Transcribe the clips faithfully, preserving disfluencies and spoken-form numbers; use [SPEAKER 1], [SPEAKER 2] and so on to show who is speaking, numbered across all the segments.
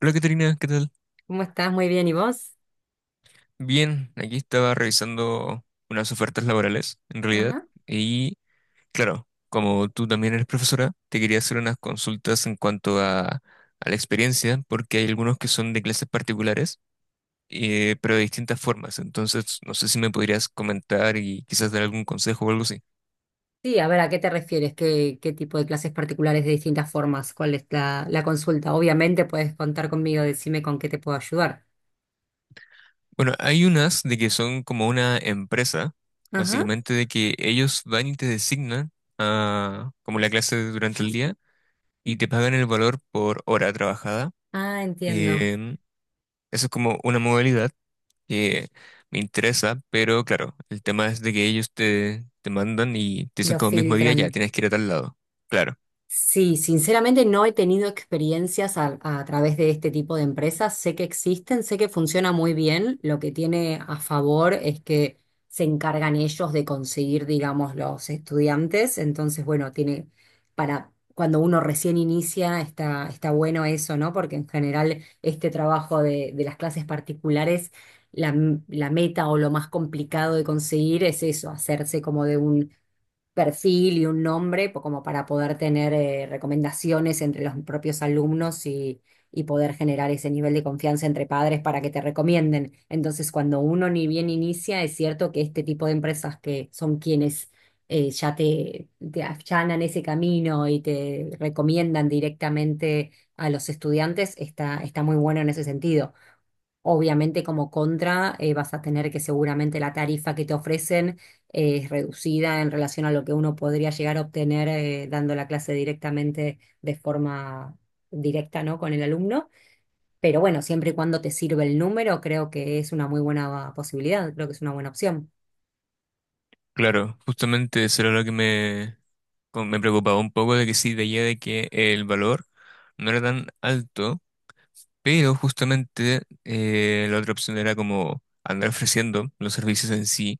[SPEAKER 1] Hola, Caterina, ¿qué tal?
[SPEAKER 2] ¿Cómo estás? Muy bien, ¿y vos?
[SPEAKER 1] Bien, aquí estaba revisando unas ofertas laborales, en realidad,
[SPEAKER 2] Ajá.
[SPEAKER 1] y claro, como tú también eres profesora, te quería hacer unas consultas en cuanto a, a la experiencia, porque hay algunos que son de clases particulares, eh, pero de distintas formas, entonces no sé si me podrías comentar y quizás dar algún consejo o algo así.
[SPEAKER 2] Sí, a ver, ¿a qué te refieres? ¿Qué, qué tipo de clases particulares de distintas formas? ¿Cuál es la, la consulta? Obviamente puedes contar conmigo, decime con qué te puedo ayudar.
[SPEAKER 1] Bueno, hay unas de que son como una empresa,
[SPEAKER 2] Ajá.
[SPEAKER 1] básicamente de que ellos van y te designan a, como la clase durante el día y te pagan el valor por hora trabajada.
[SPEAKER 2] Ah, entiendo.
[SPEAKER 1] Em, Eso es como una modalidad que me interesa, pero claro, el tema es de que ellos te, te mandan y te dicen
[SPEAKER 2] Lo
[SPEAKER 1] como mismo día, ya,
[SPEAKER 2] filtran.
[SPEAKER 1] tienes que ir a tal lado. Claro,
[SPEAKER 2] Sí, sinceramente no he tenido experiencias a, a través de este tipo de empresas. Sé que existen, sé que funciona muy bien. Lo que tiene a favor es que se encargan ellos de conseguir, digamos, los estudiantes. Entonces, bueno, tiene para cuando uno recién inicia, está, está bueno eso, ¿no? Porque en general este trabajo de, de las clases particulares, la, la meta o lo más complicado de conseguir es eso, hacerse como de un perfil y un nombre po- como para poder tener eh, recomendaciones entre los propios alumnos y, y poder generar ese nivel de confianza entre padres para que te recomienden. Entonces, cuando uno ni bien inicia, es cierto que este tipo de empresas que son quienes eh, ya te, te allanan ese camino y te recomiendan directamente a los estudiantes, está, está muy bueno en ese sentido. Obviamente como contra eh, vas a tener que seguramente la tarifa que te ofrecen eh, es reducida en relación a lo que uno podría llegar a obtener eh, dando la clase directamente de forma directa, ¿no? Con el alumno. Pero bueno, siempre y cuando te sirve el número, creo que es una muy buena posibilidad, creo que es una buena opción.
[SPEAKER 1] claro, justamente eso era lo que me, como me preocupaba un poco de que sí veía de que el valor no era tan alto, pero justamente eh, la otra opción era como andar ofreciendo los servicios en sí.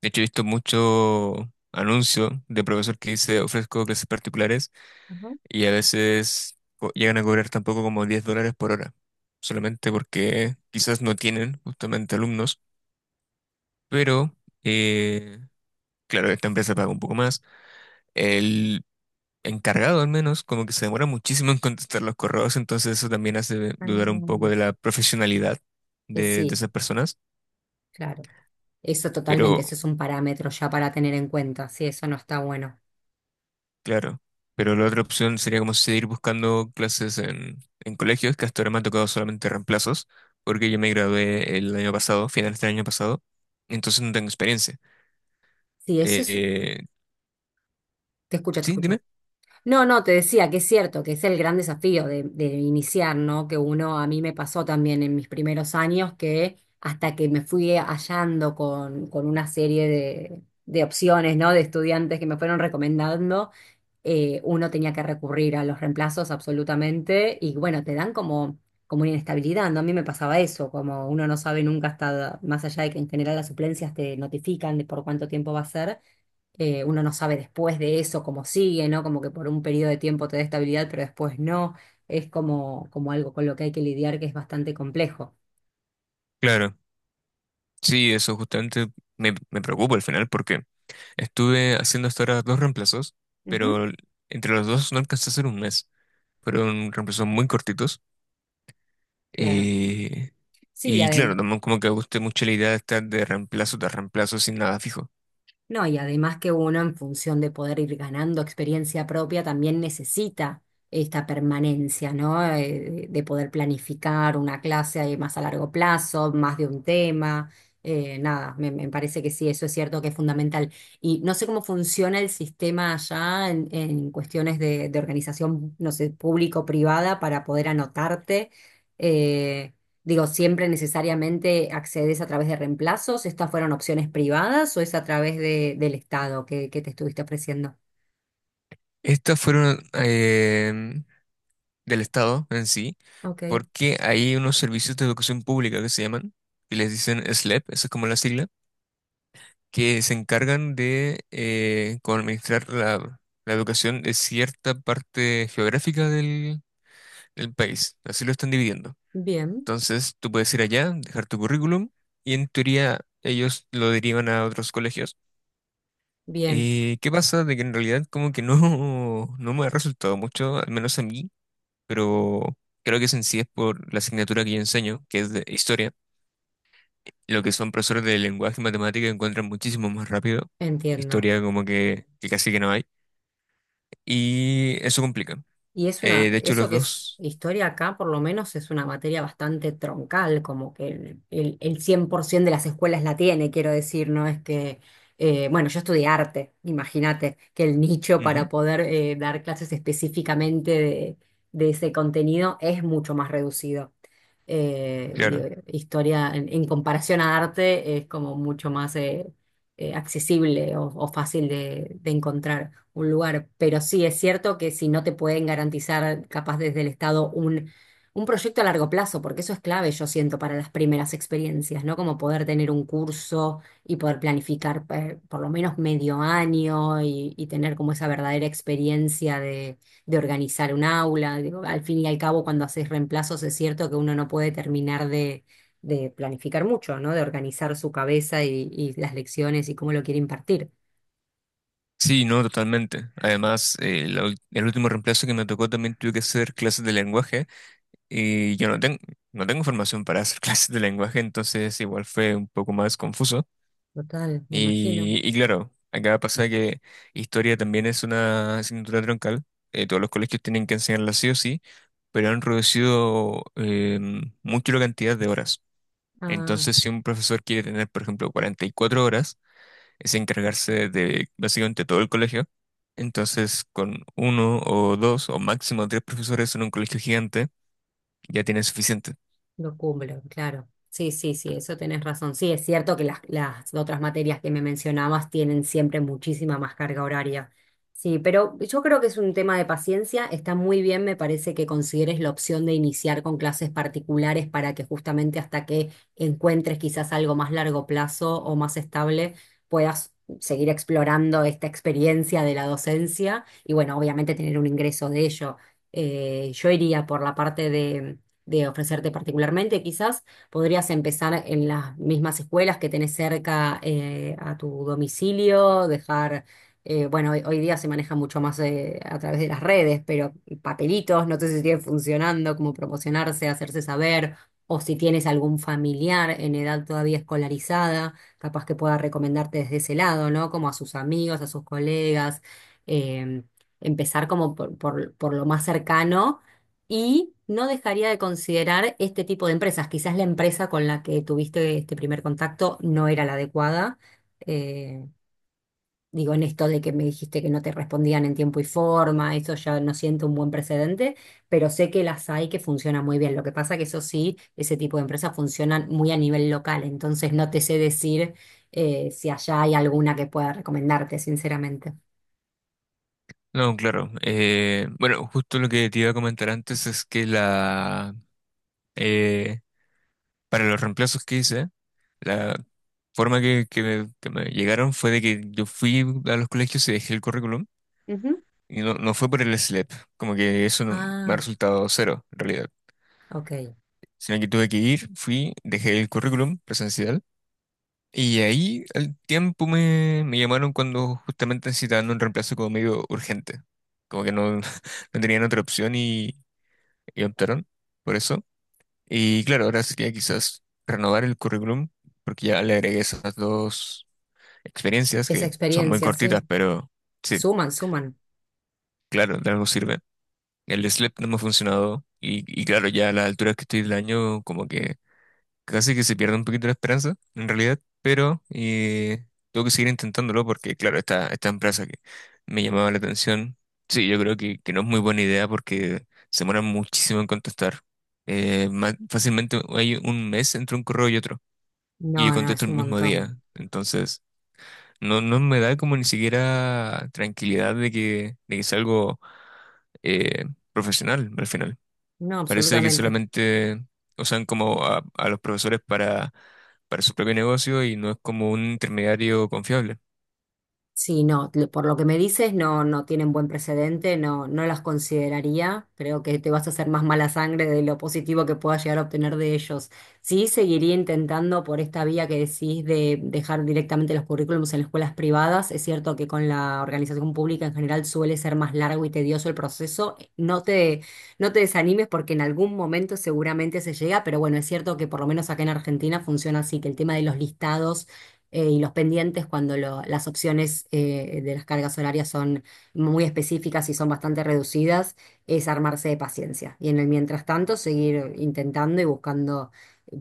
[SPEAKER 1] De hecho, he visto mucho anuncio de profesor que dice ofrezco clases particulares
[SPEAKER 2] Ajá.
[SPEAKER 1] y a veces co- llegan a cobrar tampoco como diez dólares por hora, solamente porque quizás no tienen justamente alumnos, pero eh, claro, esta empresa paga un poco más. El encargado al menos como que se demora muchísimo en contestar los correos, entonces eso también hace dudar un poco
[SPEAKER 2] Ah.
[SPEAKER 1] de la profesionalidad
[SPEAKER 2] Eh,
[SPEAKER 1] de, de
[SPEAKER 2] sí,
[SPEAKER 1] esas personas,
[SPEAKER 2] claro. Eso
[SPEAKER 1] pero...
[SPEAKER 2] totalmente, eso es un parámetro ya para tener en cuenta. Sí, eso no está bueno.
[SPEAKER 1] Claro, pero la otra opción sería como seguir buscando clases en, en colegios, que hasta ahora me han tocado solamente reemplazos, porque yo me gradué el año pasado, finales del año pasado, entonces no tengo experiencia.
[SPEAKER 2] Sí, eso es...
[SPEAKER 1] Eh,
[SPEAKER 2] Te escucho, te
[SPEAKER 1] sí,
[SPEAKER 2] escucho.
[SPEAKER 1] dime.
[SPEAKER 2] No, no, te decía que es cierto, que es el gran desafío de, de iniciar, ¿no? Que uno, a mí me pasó también en mis primeros años que hasta que me fui hallando con, con una serie de, de opciones, ¿no? De estudiantes que me fueron recomendando, eh, uno tenía que recurrir a los reemplazos absolutamente y bueno, te dan como, como una inestabilidad, ¿no? A mí me pasaba eso, como uno no sabe nunca hasta, más allá de que en general las suplencias te notifican de por cuánto tiempo va a ser eh, uno no sabe después de eso cómo sigue, ¿no? Como que por un periodo de tiempo te da estabilidad, pero después no. Es como, como algo con lo que hay que lidiar que es bastante complejo.
[SPEAKER 1] Claro, sí, eso justamente me, me preocupa al final, porque estuve haciendo hasta ahora dos reemplazos,
[SPEAKER 2] Ujú.
[SPEAKER 1] pero entre los dos no alcancé a hacer un mes. Fueron reemplazos muy cortitos.
[SPEAKER 2] Claro.
[SPEAKER 1] eh,
[SPEAKER 2] Sí,
[SPEAKER 1] y claro,
[SPEAKER 2] además.
[SPEAKER 1] también como que me gusté mucho la idea de estar de reemplazo tras reemplazo sin nada fijo.
[SPEAKER 2] No, y además que uno en función de poder ir ganando experiencia propia también necesita esta permanencia, ¿no? Eh, de poder planificar una clase ahí más a largo plazo, más de un tema. eh, nada, me, me parece que sí, eso es cierto que es fundamental. Y no sé cómo funciona el sistema allá en, en cuestiones de, de organización, no sé, público-privada para poder anotarte. Eh, Digo, ¿siempre necesariamente accedes a través de reemplazos? ¿Estas fueron opciones privadas o es a través de, del Estado que, que te estuviste ofreciendo?
[SPEAKER 1] Estas fueron em, del Estado en sí,
[SPEAKER 2] Ok,
[SPEAKER 1] porque hay unos servicios de educación pública que se llaman, y les dicen SLEP, esa es como la sigla, que se encargan de eh, como administrar la, la educación de cierta parte geográfica del, del país. Así lo están dividiendo.
[SPEAKER 2] bien,
[SPEAKER 1] Entonces, tú puedes ir allá, dejar tu currículum, y en teoría ellos lo derivan a otros colegios.
[SPEAKER 2] bien,
[SPEAKER 1] Eh, ¿qué pasa? De que en realidad como que no, no me ha resultado mucho, al menos a mí. Pero creo que eso en sí es por la asignatura que yo enseño, que es de historia. Lo que son profesores de lenguaje y matemática encuentran muchísimo más rápido.
[SPEAKER 2] entiendo.
[SPEAKER 1] Historia como que, que casi que no hay. Y eso complica.
[SPEAKER 2] Y es una,
[SPEAKER 1] Eh, de hecho,
[SPEAKER 2] eso
[SPEAKER 1] los
[SPEAKER 2] que es
[SPEAKER 1] dos.
[SPEAKER 2] historia acá, por lo menos es una materia bastante troncal, como que el, el, el cien por ciento de las escuelas la tiene, quiero decir, no es que, eh, bueno, yo estudié arte, imagínate, que el nicho
[SPEAKER 1] Ujú,
[SPEAKER 2] para poder eh, dar clases específicamente de, de ese contenido es mucho más reducido. Eh, digo,
[SPEAKER 1] claro.
[SPEAKER 2] historia en, en comparación a arte es como mucho más eh, eh, accesible o, o fácil de de encontrar un lugar. Pero sí, es cierto que si no te pueden garantizar, capaz desde el Estado, un, un proyecto a largo plazo, porque eso es clave, yo siento, para las primeras experiencias, ¿no? Como poder tener un curso y poder planificar eh, por lo menos medio año y, y tener como esa verdadera experiencia de, de organizar un aula. Digo, al fin y al cabo, cuando haces reemplazos, es cierto que uno no puede terminar de... de planificar mucho, ¿no? De organizar su cabeza y, y las lecciones y cómo lo quiere impartir.
[SPEAKER 1] Sí, no, totalmente. Además, eh, la ul- el último reemplazo que me tocó también tuve que hacer clases de lenguaje y yo no tengo, no tengo formación para hacer clases de lenguaje, entonces igual fue un poco más confuso.
[SPEAKER 2] Total, me imagino.
[SPEAKER 1] Y, y claro, acá pasa que historia también es una asignatura troncal. Eh, todos los colegios tienen que enseñarla sí o sí, pero han reducido eh, mucho la cantidad de horas.
[SPEAKER 2] Ah,
[SPEAKER 1] Entonces, si un profesor quiere tener, por ejemplo, cuarenta y cuatro horas, es encargarse de básicamente todo el colegio. Entonces, con uno o dos o máximo tres profesores en un colegio gigante, ya tiene suficiente.
[SPEAKER 2] lo cumplo, claro. Sí, sí, sí, eso tenés razón. Sí, es cierto que las, las otras materias que me mencionabas tienen siempre muchísima más carga horaria. Sí, pero yo creo que es un tema de paciencia. Está muy bien, me parece que consideres la opción de iniciar con clases particulares para que justamente hasta que encuentres quizás algo más largo plazo o más estable, puedas seguir explorando esta experiencia de la docencia y bueno, obviamente tener un ingreso de ello. Eh, yo iría por la parte de de ofrecerte particularmente. Quizás podrías empezar en las mismas escuelas que tenés cerca eh, a tu domicilio, dejar, eh, bueno, hoy, hoy día se maneja mucho más eh, a través de las redes, pero papelitos, no sé si siguen funcionando, como promocionarse, hacerse saber, o si tienes algún familiar en edad todavía escolarizada, capaz que pueda recomendarte desde ese lado, ¿no? Como a sus amigos, a sus colegas. em, empezar como por, por por lo más cercano y no dejaría de considerar este tipo de empresas. Quizás la empresa con la que tuviste este primer contacto no era la adecuada. Eh, digo, en esto de que me dijiste que no te respondían en tiempo y forma, eso ya no siento un buen precedente, pero sé que las hay que funcionan muy bien. Lo que pasa que eso sí, ese tipo de empresas funcionan muy a nivel local, entonces no te sé decir eh, si allá hay alguna que pueda recomendarte, sinceramente.
[SPEAKER 1] No, claro. Eh, bueno, justo lo que te iba a comentar antes es que la... eh, para los reemplazos que hice, la forma que, que me, que me llegaron fue de que yo fui a los colegios y dejé el currículum
[SPEAKER 2] Ujú.
[SPEAKER 1] y no, no fue por el SLEP, como que eso no- me ha
[SPEAKER 2] Ah,
[SPEAKER 1] resultado cero en realidad,
[SPEAKER 2] ok.
[SPEAKER 1] sino que tuve que ir, fui, dejé el currículum presencial y ahí al tiempo me, me llamaron cuando justamente necesitaban un reemplazo como medio urgente, como que no, no tenían otra opción y, y optaron por eso. Y claro, ahora sería quizás renovar el currículum, porque ya le agregué esas dos experiencias
[SPEAKER 2] Esa
[SPEAKER 1] que son muy
[SPEAKER 2] experiencia, sí.
[SPEAKER 1] cortitas, pero sí,
[SPEAKER 2] Suman, suman.
[SPEAKER 1] claro, de algo sirve. El SLEP no me ha funcionado y, y claro, ya a la altura que estoy del año, como que casi que se pierde un poquito la esperanza, en realidad, pero eh, tengo que seguir intentándolo porque, claro, esta, esta empresa que me llamaba la atención, sí, yo creo que, que no es muy buena idea porque se demora muchísimo en contestar. Eh, ma- fácilmente hay un mes entre un correo y otro.
[SPEAKER 2] No,
[SPEAKER 1] Y yo
[SPEAKER 2] no,
[SPEAKER 1] contesto
[SPEAKER 2] es
[SPEAKER 1] el
[SPEAKER 2] un
[SPEAKER 1] mismo
[SPEAKER 2] montón.
[SPEAKER 1] día. Entonces, no, no me da como ni siquiera tranquilidad de que, de que sea algo eh, profesional al final.
[SPEAKER 2] No,
[SPEAKER 1] Parece que
[SPEAKER 2] absolutamente.
[SPEAKER 1] solamente usan como a, a los profesores para, para su propio negocio y no es como un intermediario confiable.
[SPEAKER 2] Sí, no, lo- por lo que me dices, no, no tienen buen precedente, no, no las consideraría. Creo que te vas a hacer más mala sangre de lo positivo que puedas llegar a obtener de ellos. Sí, seguiría intentando por esta vía que decís de dejar directamente los currículums en las escuelas privadas. Es cierto que con la organización pública en general suele ser más largo y tedioso el proceso. No te, no te desanimes porque en algún momento seguramente se llega, pero bueno, es cierto que por lo menos acá en Argentina funciona así, que el tema de los listados eh, y los pendientes cuando lo- las opciones eh, de las cargas horarias son muy específicas y son bastante reducidas, es armarse de paciencia. Y en el mientras tanto, seguir intentando y buscando.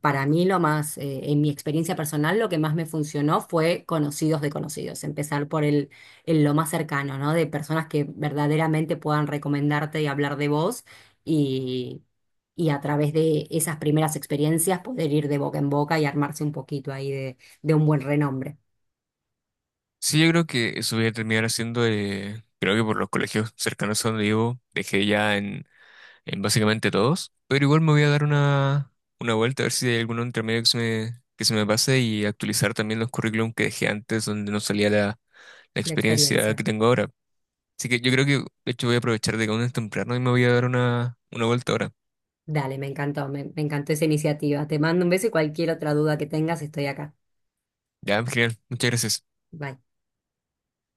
[SPEAKER 2] Para mí lo más, eh, en mi experiencia personal, lo que más me funcionó fue conocidos de conocidos, empezar por el, el lo más cercano, ¿no? De personas que verdaderamente puedan recomendarte y hablar de vos y, y a través de esas primeras experiencias poder ir de boca en boca y armarse un poquito ahí de un buen renombre,
[SPEAKER 1] Sí, yo creo que eso voy a terminar haciendo, eh, creo que por los colegios cercanos a donde vivo, dejé ya en en básicamente todos, pero igual me voy a dar una, una vuelta a ver si hay alguno entre medio que se me, que se me pase y actualizar también los currículum que dejé antes donde no salía la, la
[SPEAKER 2] de
[SPEAKER 1] experiencia que
[SPEAKER 2] experiencia.
[SPEAKER 1] tengo ahora. Así que yo creo que de hecho voy a aprovechar de que aún es temprano y me voy a dar una, una vuelta ahora.
[SPEAKER 2] Dale, me encantó, me, me encantó esa iniciativa. Te mando un beso y cualquier otra duda que tengas, estoy acá.
[SPEAKER 1] Ya, genial, muchas gracias.
[SPEAKER 2] Bye.